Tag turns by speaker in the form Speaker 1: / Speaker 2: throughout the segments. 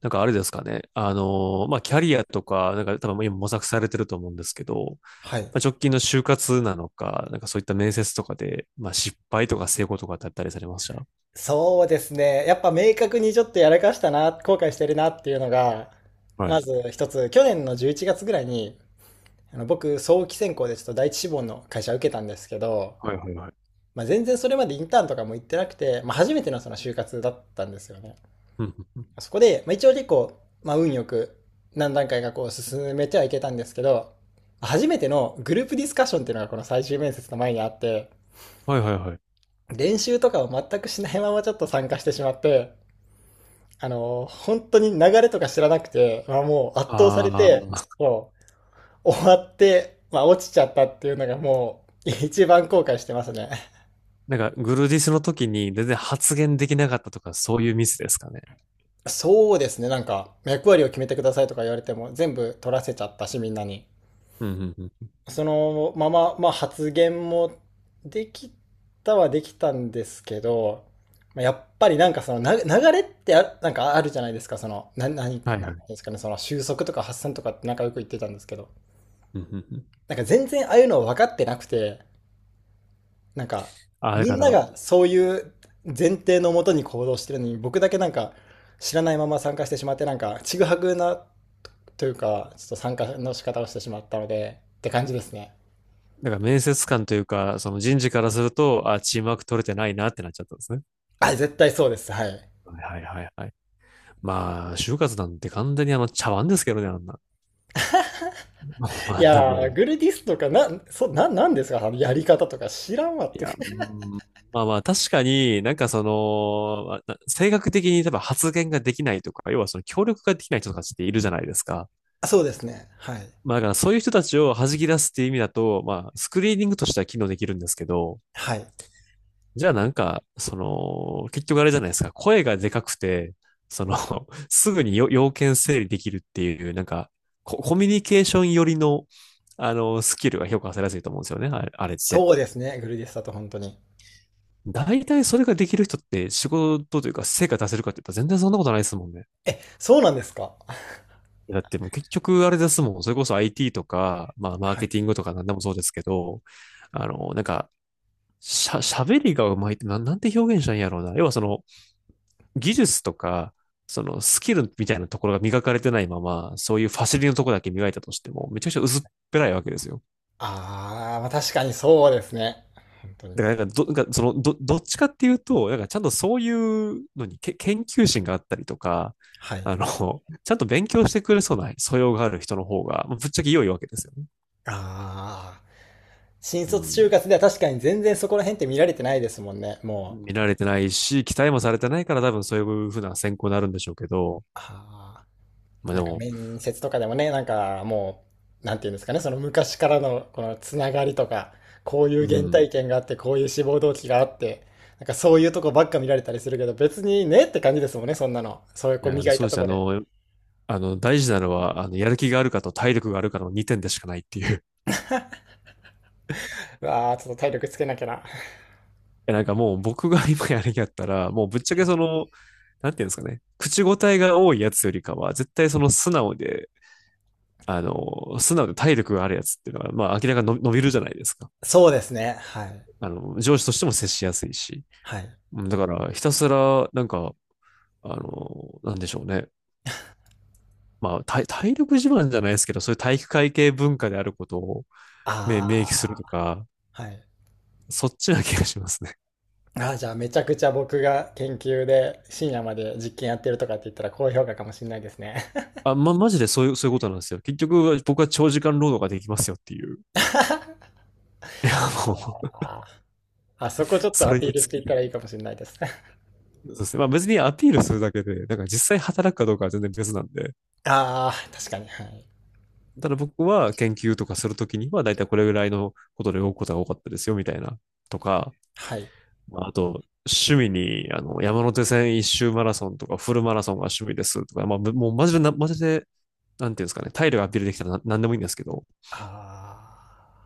Speaker 1: なんかあれですかね。まあ、キャリアとか、なんか多分今模索されてると思うんですけど、
Speaker 2: はい。
Speaker 1: まあ、直近の就活なのか、なんかそういった面接とかで、まあ、失敗とか成功とかってあったりされました？
Speaker 2: そうですね。やっぱ明確にちょっとやらかしたな、後悔してるなっていうのが、まず一つ、去年の11月ぐらいに、僕、早期選考でちょっと第一志望の会社受けたんですけど、
Speaker 1: はいはいはい。
Speaker 2: まあ、全然それまでインターンとかも行ってなくて、まあ、初めてのその就活だったんですよね。
Speaker 1: うんうん、
Speaker 2: そこで、まあ、一応結構、まあ、運よく何段階かこう進めてはいけたんですけど、初めてのグループディスカッションっていうのがこの最終面接の前にあって、
Speaker 1: はいはいはい。
Speaker 2: 練習とかを全くしないままちょっと参加してしまって、本当に流れとか知らなくて、まあ、もう圧倒さ
Speaker 1: ああ、
Speaker 2: れて、もう終わって、まあ、落ちちゃったっていうのがもう一番後悔してますね。
Speaker 1: なんかグルディスの時に全然発言できなかったとか、そういうミスですかね。
Speaker 2: そうですね、なんか役割を決めてくださいとか言われても全部取らせちゃったし、みんなに。
Speaker 1: うんうんうん。
Speaker 2: そのまま、まあ、発言もできたはできたんですけど、まあやっぱりなんかそのな流れってなんかあるじゃないですか、その、なん
Speaker 1: はいはい。
Speaker 2: ですかね、その収束とか発散とかってなんかよく言ってたんですけど、
Speaker 1: うんうんうん、
Speaker 2: なんか全然ああいうの分かってなくて、なんか
Speaker 1: ああ、だ
Speaker 2: み
Speaker 1: か
Speaker 2: んな
Speaker 1: ら、
Speaker 2: がそういう前提のもとに行動してるのに、僕だけなんか知らないまま参加してしまって、なんかちぐはぐなというか、ちょっと参加の仕方をしてしまったので、って感じですね。
Speaker 1: なんか面接官というか、その人事からすると、ああ、チームワーク取れてないなってなっちゃったんですね。
Speaker 2: あ、絶対そうです。はい。
Speaker 1: はいはいはいはい。まあ、就活なんて完全にあの茶碗ですけどね、あんな。もう
Speaker 2: い
Speaker 1: あんな
Speaker 2: やー、
Speaker 1: も
Speaker 2: グルディスとか、な、そ、な、なんですかあのやり方とか知らんわっ
Speaker 1: う。い
Speaker 2: て。
Speaker 1: や、うーん、まあまあ、確かになんかその、まあ性格的に例えば発言ができないとか、要はその協力ができない人たちっているじゃないですか。
Speaker 2: あ、そうですね。はい。
Speaker 1: まあだからそういう人たちを弾き出すっていう意味だと、まあスクリーニングとしては機能できるんですけど、
Speaker 2: はい。
Speaker 1: じゃあなんか、その、結局あれじゃないですか。声がでかくて、その、すぐに要件整理できるっていう、なんかコミュニケーション寄りの、あの、スキルが評価されやすいと思うんですよね、あれあれって。
Speaker 2: そうですね。グルディスだと本当に。
Speaker 1: 大体それができる人って仕事というか成果出せるかって言ったら全然そんなことないですもんね。
Speaker 2: え、そうなんですか？
Speaker 1: だってもう結局あれですもん。それこそ IT とか、まあマー
Speaker 2: は
Speaker 1: ケ
Speaker 2: い。
Speaker 1: ティングとか何でもそうですけど、あの、なんか、喋りがうまいって、なんて表現したらいいんやろうな。要はその、技術とか、そのスキルみたいなところが磨かれてないまま、そういうファシリのところだけ磨いたとしても、めちゃくちゃ薄っぺらいわけですよ。
Speaker 2: あー、まあ確かにそうですね。本当に。
Speaker 1: だからなんかど、なんかそのど、どっちかっていうと、なんかちゃんとそういうのに研究心があったりとか、
Speaker 2: はい。
Speaker 1: あの、ちゃんと勉強してくれそうな素養がある人の方が、ぶっちゃけ良いわけですよね。
Speaker 2: ああ、新
Speaker 1: う
Speaker 2: 卒就
Speaker 1: ん。
Speaker 2: 活では確かに全然そこら辺って見られてないですもんね、もう。
Speaker 1: 見られてないし、期待もされてないから多分そういうふうな選考になるんでしょうけど、
Speaker 2: ああ、
Speaker 1: まあで
Speaker 2: なんか
Speaker 1: も、
Speaker 2: 面接とかでもね、なんかもう、なんていうんですかね、その昔からのこのつながりとか、こうい
Speaker 1: う
Speaker 2: う原
Speaker 1: ん。
Speaker 2: 体験があって、こういう志望動機があって、なんかそういうとこばっか見られたりするけど、別にねって感じですもんね、そんなの。そういう
Speaker 1: い
Speaker 2: こう
Speaker 1: や、
Speaker 2: 磨い
Speaker 1: そう
Speaker 2: た
Speaker 1: で
Speaker 2: と
Speaker 1: すね。あ
Speaker 2: こで。
Speaker 1: の、大事なのは、あの、やる気があるかと体力があるかの2点でしかないっていう。
Speaker 2: うわあ、ちょっと体力つけなきゃな。
Speaker 1: え、なんかもう僕が今やる気だったら、もうぶっちゃけその、なんていうんですかね、口答えが多いやつよりかは、絶対その素直で、あの、素直で体力があるやつっていうのは、まあ明らかに伸びるじゃないですか。
Speaker 2: そうですね、はい。
Speaker 1: あの、上司としても接しやすいし。
Speaker 2: はい。
Speaker 1: だから、ひたすら、なんか、あの、なんでしょうね。まあ、体力自慢じゃないですけど、そういう体育会系文化であることを、ね、明記する
Speaker 2: あ
Speaker 1: とか、
Speaker 2: あ、はい。
Speaker 1: そっちな気がしますね。
Speaker 2: ああ、じゃあめちゃくちゃ僕が研究で深夜まで実験やってるとかって言ったら高評価かもしれないですね。
Speaker 1: あ、マジでそういう、そういうことなんですよ。結局、僕は長時間労働ができますよっていう。いや、もう、
Speaker 2: あー、あそこち ょっと
Speaker 1: そ
Speaker 2: ア
Speaker 1: れ
Speaker 2: ピー
Speaker 1: に尽
Speaker 2: ルして
Speaker 1: き
Speaker 2: いっ
Speaker 1: る。
Speaker 2: たらいいかもしれないです。
Speaker 1: そうですね。まあ別にアピールするだけで、なんか実際働くかどうかは全然別なんで。
Speaker 2: ああ、確かに。はい。
Speaker 1: ただ僕は研究とかするときには、だいたいこれぐらいのことで動くことが多かったですよ、みたいな。とか、
Speaker 2: はい。
Speaker 1: まあ、あと、趣味に、あの、山手線一周マラソンとか、フルマラソンが趣味ですとか、まあ、ぶもうマジでな、マジで、なんていうんですかね、体力アピールできたらな何でもいいんですけど。
Speaker 2: ああ、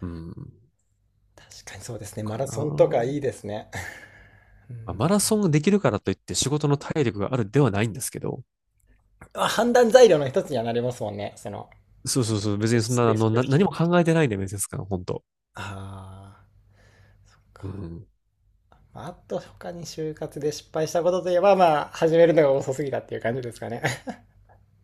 Speaker 1: うん、
Speaker 2: 確かにそうですね。マ
Speaker 1: か
Speaker 2: ラソンと
Speaker 1: な。
Speaker 2: かいいですね。う
Speaker 1: まあ、
Speaker 2: ん、
Speaker 1: マラソンができるからといって仕事の体力があるではないんですけど、
Speaker 2: あ、判断材料の一つにはなりますもんね。その、
Speaker 1: そうそうそう、別にそん
Speaker 2: ス
Speaker 1: な、
Speaker 2: ペ
Speaker 1: あ
Speaker 2: ース
Speaker 1: の、
Speaker 2: ができ
Speaker 1: 何も
Speaker 2: る。
Speaker 1: 考えてないんで、面接官、本当。
Speaker 2: ああ、そっ
Speaker 1: う
Speaker 2: か。
Speaker 1: ん。
Speaker 2: まああと他に就活で失敗したことといえば、まあ、始めるのが遅すぎたっていう感じですかね。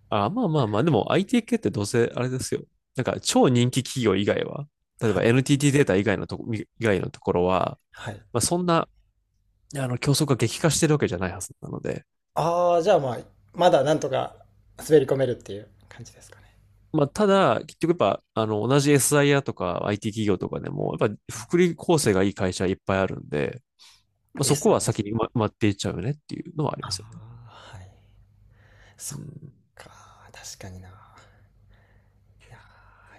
Speaker 1: あ、まあまあまあ、でも IT 系ってどうせあれですよ。なんか超人気企業以外は、例え
Speaker 2: は
Speaker 1: ば
Speaker 2: い。
Speaker 1: NTT データ以外のところは、
Speaker 2: はい。
Speaker 1: まあそんな、あの、競争が激化してるわけじゃないはずなので、
Speaker 2: ああ、じゃあまあ、まだなんとか滑り込めるっていう感じですかね。
Speaker 1: まあただ、結局やっぱ、あの、同じ SIR とか IT 企業とかでも、やっぱ
Speaker 2: はい。
Speaker 1: 福利厚生がいい会社いっぱいあるんで、まあ
Speaker 2: で
Speaker 1: そ
Speaker 2: す
Speaker 1: こ
Speaker 2: よ
Speaker 1: は
Speaker 2: ね。
Speaker 1: 先に埋まっていっちゃうよねっていうのはあり
Speaker 2: あ
Speaker 1: ますよ。
Speaker 2: あ、はい。
Speaker 1: う
Speaker 2: そっ
Speaker 1: ん。
Speaker 2: か、確かにな。いや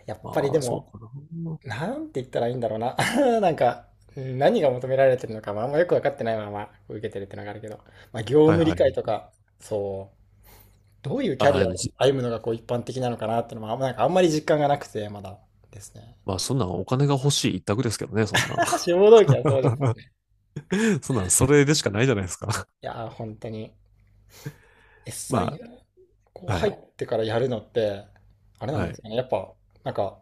Speaker 2: ー、やっぱり
Speaker 1: ま
Speaker 2: で
Speaker 1: あ、そう
Speaker 2: も、
Speaker 1: かな。
Speaker 2: なんて言ったらいいんだろうな。なんか、うん、何が求められてるのか、まあ、あんまよく分かってないままこう受けてるってのがあるけど、まあ、業
Speaker 1: はい
Speaker 2: 務
Speaker 1: は
Speaker 2: 理解と
Speaker 1: い。
Speaker 2: か、そう、どういうキャ
Speaker 1: ああ、
Speaker 2: リ
Speaker 1: で
Speaker 2: ア
Speaker 1: も
Speaker 2: を
Speaker 1: じ、
Speaker 2: 歩むのがこう一般的なのかなってのも、あんまり実感がなくて、まだですね。
Speaker 1: まあ、そんなんお金が欲しい一択ですけどね、そんなん。
Speaker 2: 志望動機はそうです。い
Speaker 1: そんなん、それでしかないじゃないですか。
Speaker 2: やー、本当に。SI
Speaker 1: ま
Speaker 2: こ
Speaker 1: あ、
Speaker 2: う
Speaker 1: は
Speaker 2: 入っ
Speaker 1: い。
Speaker 2: てからやるのって、あれなん
Speaker 1: は
Speaker 2: です
Speaker 1: い。
Speaker 2: かね。やっぱ、なんか、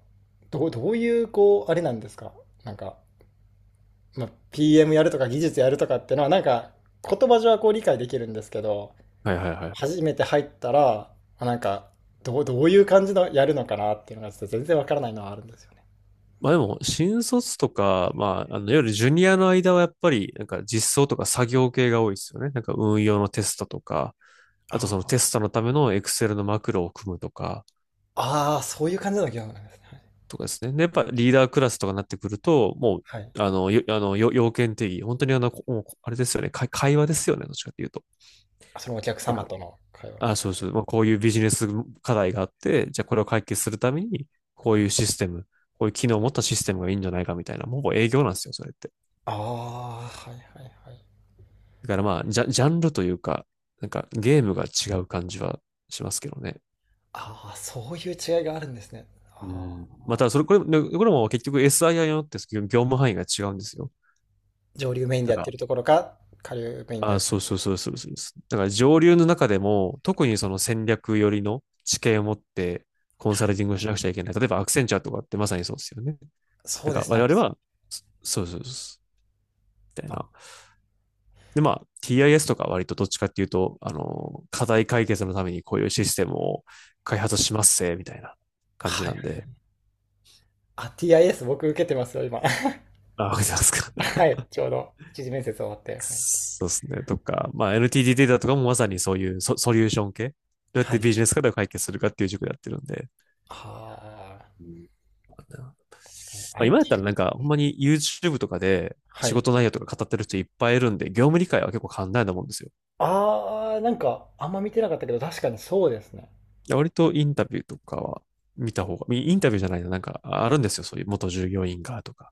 Speaker 2: どういう、こう、あれなんですか。なんか、まあ、PM やるとか技術やるとかってのは、なんか、言葉上はこう理解できるんですけど、
Speaker 1: はいはいはい。
Speaker 2: 初めて入ったら、あ、なんか、どういう感じのやるのかなっていうのが、ちょっと全然わからないのはあるんですよね。
Speaker 1: まあでも、新卒とか、まあ、あの、いわゆるジュニアの間はやっぱり、なんか実装とか作業系が多いですよね。なんか運用のテストとか、あとそのテ
Speaker 2: あ
Speaker 1: ストのためのエクセルのマクロを組むとか、
Speaker 2: あー、そういう感じの業務なんですね。
Speaker 1: とかですね。で、やっぱリーダークラスとかになってくると、も
Speaker 2: はい。はい。
Speaker 1: う、あの、よ、あの、よ要件定義、本当にあの、もうあれですよね、会話ですよね、どっちかっていうと。
Speaker 2: そのお客様との会話。
Speaker 1: あ、そうそう、まあ、こういうビジネス課題があって、じゃあこれを解決するために、こういうシステム、こういう機能を持ったシステムがいいんじゃないかみたいな、もう営業なんですよ、それって。
Speaker 2: ああ、はいはいはい。
Speaker 1: だからまあ、ジャンルというか、なんかゲームが違う感じはしますけどね。
Speaker 2: ああ、そういう違いがあるんですね。
Speaker 1: う
Speaker 2: あ
Speaker 1: ん。ま
Speaker 2: あ、
Speaker 1: た、それ、これ、これも結局 SII によって業務範囲が違うんですよ。
Speaker 2: 上流メインで
Speaker 1: だ
Speaker 2: やっ
Speaker 1: か
Speaker 2: て
Speaker 1: ら、
Speaker 2: るところか、下流メインでや
Speaker 1: あ、
Speaker 2: って
Speaker 1: そ
Speaker 2: る。
Speaker 1: うそうそうそうそうです。だから上流の中でも、特にその戦略寄りの知見を持ってコン
Speaker 2: は
Speaker 1: サルテ
Speaker 2: い。
Speaker 1: ィングをしなくちゃいけない。例えばアクセンチャーとかってまさにそうですよね。
Speaker 2: そ
Speaker 1: な
Speaker 2: う
Speaker 1: ん
Speaker 2: で
Speaker 1: か
Speaker 2: すね、ア
Speaker 1: 我
Speaker 2: ク
Speaker 1: 々
Speaker 2: セル。
Speaker 1: は、そうそうそうそう。みたいな。
Speaker 2: あ、
Speaker 1: で、まあ、TIS とか割とどっちかっていうと、あの、課題解決のためにこういうシステムを開発しますせ、みたいな感じ
Speaker 2: は
Speaker 1: な
Speaker 2: いは
Speaker 1: ん
Speaker 2: い。
Speaker 1: で。
Speaker 2: あ、TIS 僕受けてますよ、今。
Speaker 1: あ、わかりますか。
Speaker 2: はい、ちょうど一次面接終わって。はい。
Speaker 1: そうですね。とか、まあ、NTT データとかもまさにそういうソリューション系。どうやっ
Speaker 2: は
Speaker 1: て
Speaker 2: い。
Speaker 1: ビジネス課題を解決するかっていう塾でやってるんで。
Speaker 2: ああ、
Speaker 1: うん、
Speaker 2: 確かに。
Speaker 1: まあ、今やっ
Speaker 2: IT？
Speaker 1: たらなんか、ほんまに YouTube とかで
Speaker 2: は
Speaker 1: 仕
Speaker 2: い。
Speaker 1: 事内容とか語ってる人いっぱいいるんで、業務理解は結構簡単なもんですよ。
Speaker 2: ああ、なんか、あんま見てなかったけど、確かにそうですね。
Speaker 1: いや割とインタビューとかは見た方が、インタビューじゃないな、なんかあるんですよ。そういう元従業員がとか。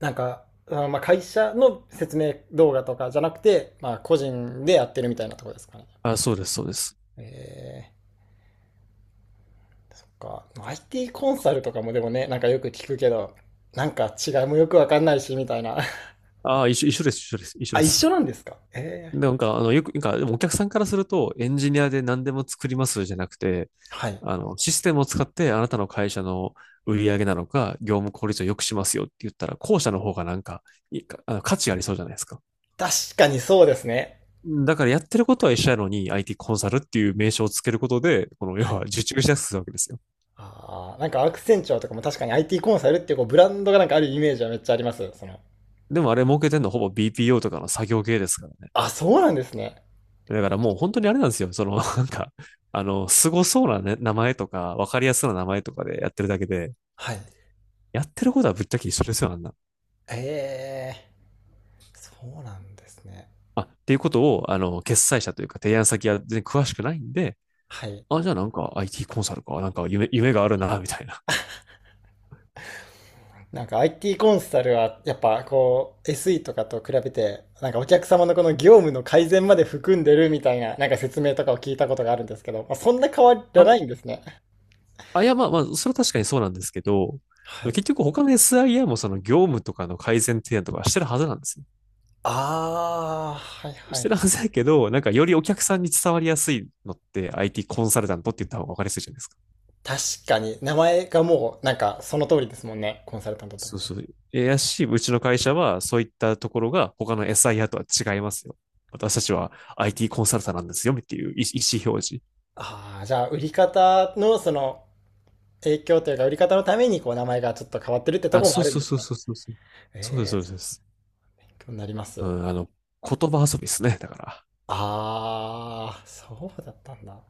Speaker 2: なんか、あ、まあ、会社の説明動画とかじゃなくて、まあ、個人でやってるみたいなところですかね、やっぱり。
Speaker 1: あ、そうです、そうです。
Speaker 2: え、そっか。まあ IT コンサルとかもでもね、なんかよく聞くけど、なんか違いもよくわかんないし、みたいな。
Speaker 1: あ、一緒、一緒です、一緒です、一 緒
Speaker 2: あ、
Speaker 1: で
Speaker 2: 一
Speaker 1: す。
Speaker 2: 緒なんですか？え
Speaker 1: で
Speaker 2: え、
Speaker 1: なんか、あの、よく、なんか、でもお客さんからすると、エンジニアで何でも作りますじゃなくて、
Speaker 2: はい。
Speaker 1: あの、システムを使ってあなたの会社の売り上げなのか、業務効率を良くしますよって言ったら、後者の方がなんか、いいかあの価値ありそうじゃないですか。
Speaker 2: 確かにそうですね。
Speaker 1: だからやってることは一緒やのに IT コンサルっていう名称をつけることで、この要
Speaker 2: は
Speaker 1: は
Speaker 2: い。
Speaker 1: 受注しやすくするわけですよ。
Speaker 2: ああ、なんかアクセンチュアとかも確かに IT コンサルっていうこうブランドがなんかあるイメージはめっちゃあります。その。
Speaker 1: でもあれ儲けてんのほぼ BPO とかの作業系ですからね。
Speaker 2: あ、そうなんですね。
Speaker 1: だからもう本当にあれなんですよ。そのなんか、あの、凄そうな、ね、名前とか、わかりやすいな名前とかでやってるだけで、
Speaker 2: はい。
Speaker 1: やってることはぶっちゃけ一緒ですよ、あんな。
Speaker 2: ええ、そうなんですね。
Speaker 1: あ、っていうことを、あの、決裁者というか提案先は全然詳しくないんで、
Speaker 2: はい。
Speaker 1: あ、じゃあなんか IT コンサルか、なんか夢があるな、みたいな。
Speaker 2: なんか IT コンサルはやっぱこう SE とかと比べてなんかお客様のこの業務の改善まで含んでるみたいななんか説明とかを聞いたことがあるんですけど、まあ、そんな変わら
Speaker 1: あ、も
Speaker 2: な
Speaker 1: う
Speaker 2: いんですね。
Speaker 1: あ、いや、まあまあ、それは確かにそうなんですけど、
Speaker 2: はい。
Speaker 1: 結局他の SIA もその業務とかの改善提案とかしてるはずなんですよ。
Speaker 2: ああ、はいは
Speaker 1: してる
Speaker 2: い。
Speaker 1: はずだけど、なんかよりお客さんに伝わりやすいのって IT コンサルタントって言った方が分かりやすいじゃないですか。
Speaker 2: 確かに名前がもうなんかその通りですもんね。コンサルタントだ
Speaker 1: そう
Speaker 2: と。
Speaker 1: そう。えやし、うちの会社は、そういったところが他の SIR とは違いますよ。私たちは IT コンサルタントなんですよ、っていう意思表示。
Speaker 2: ああ、じゃあ売り方のその影響というか売り方のためにこう名前がちょっと変わってるってと
Speaker 1: あ、
Speaker 2: ころも
Speaker 1: そ
Speaker 2: あ
Speaker 1: う
Speaker 2: るん
Speaker 1: そう
Speaker 2: です
Speaker 1: そう
Speaker 2: ね。
Speaker 1: そうそうそう。
Speaker 2: え
Speaker 1: そうです、
Speaker 2: え、
Speaker 1: そうです。そうです、
Speaker 2: 勉強になりま
Speaker 1: う
Speaker 2: す。
Speaker 1: ん、あの、言葉遊びですね、だから。
Speaker 2: ああ、そうだったんだ。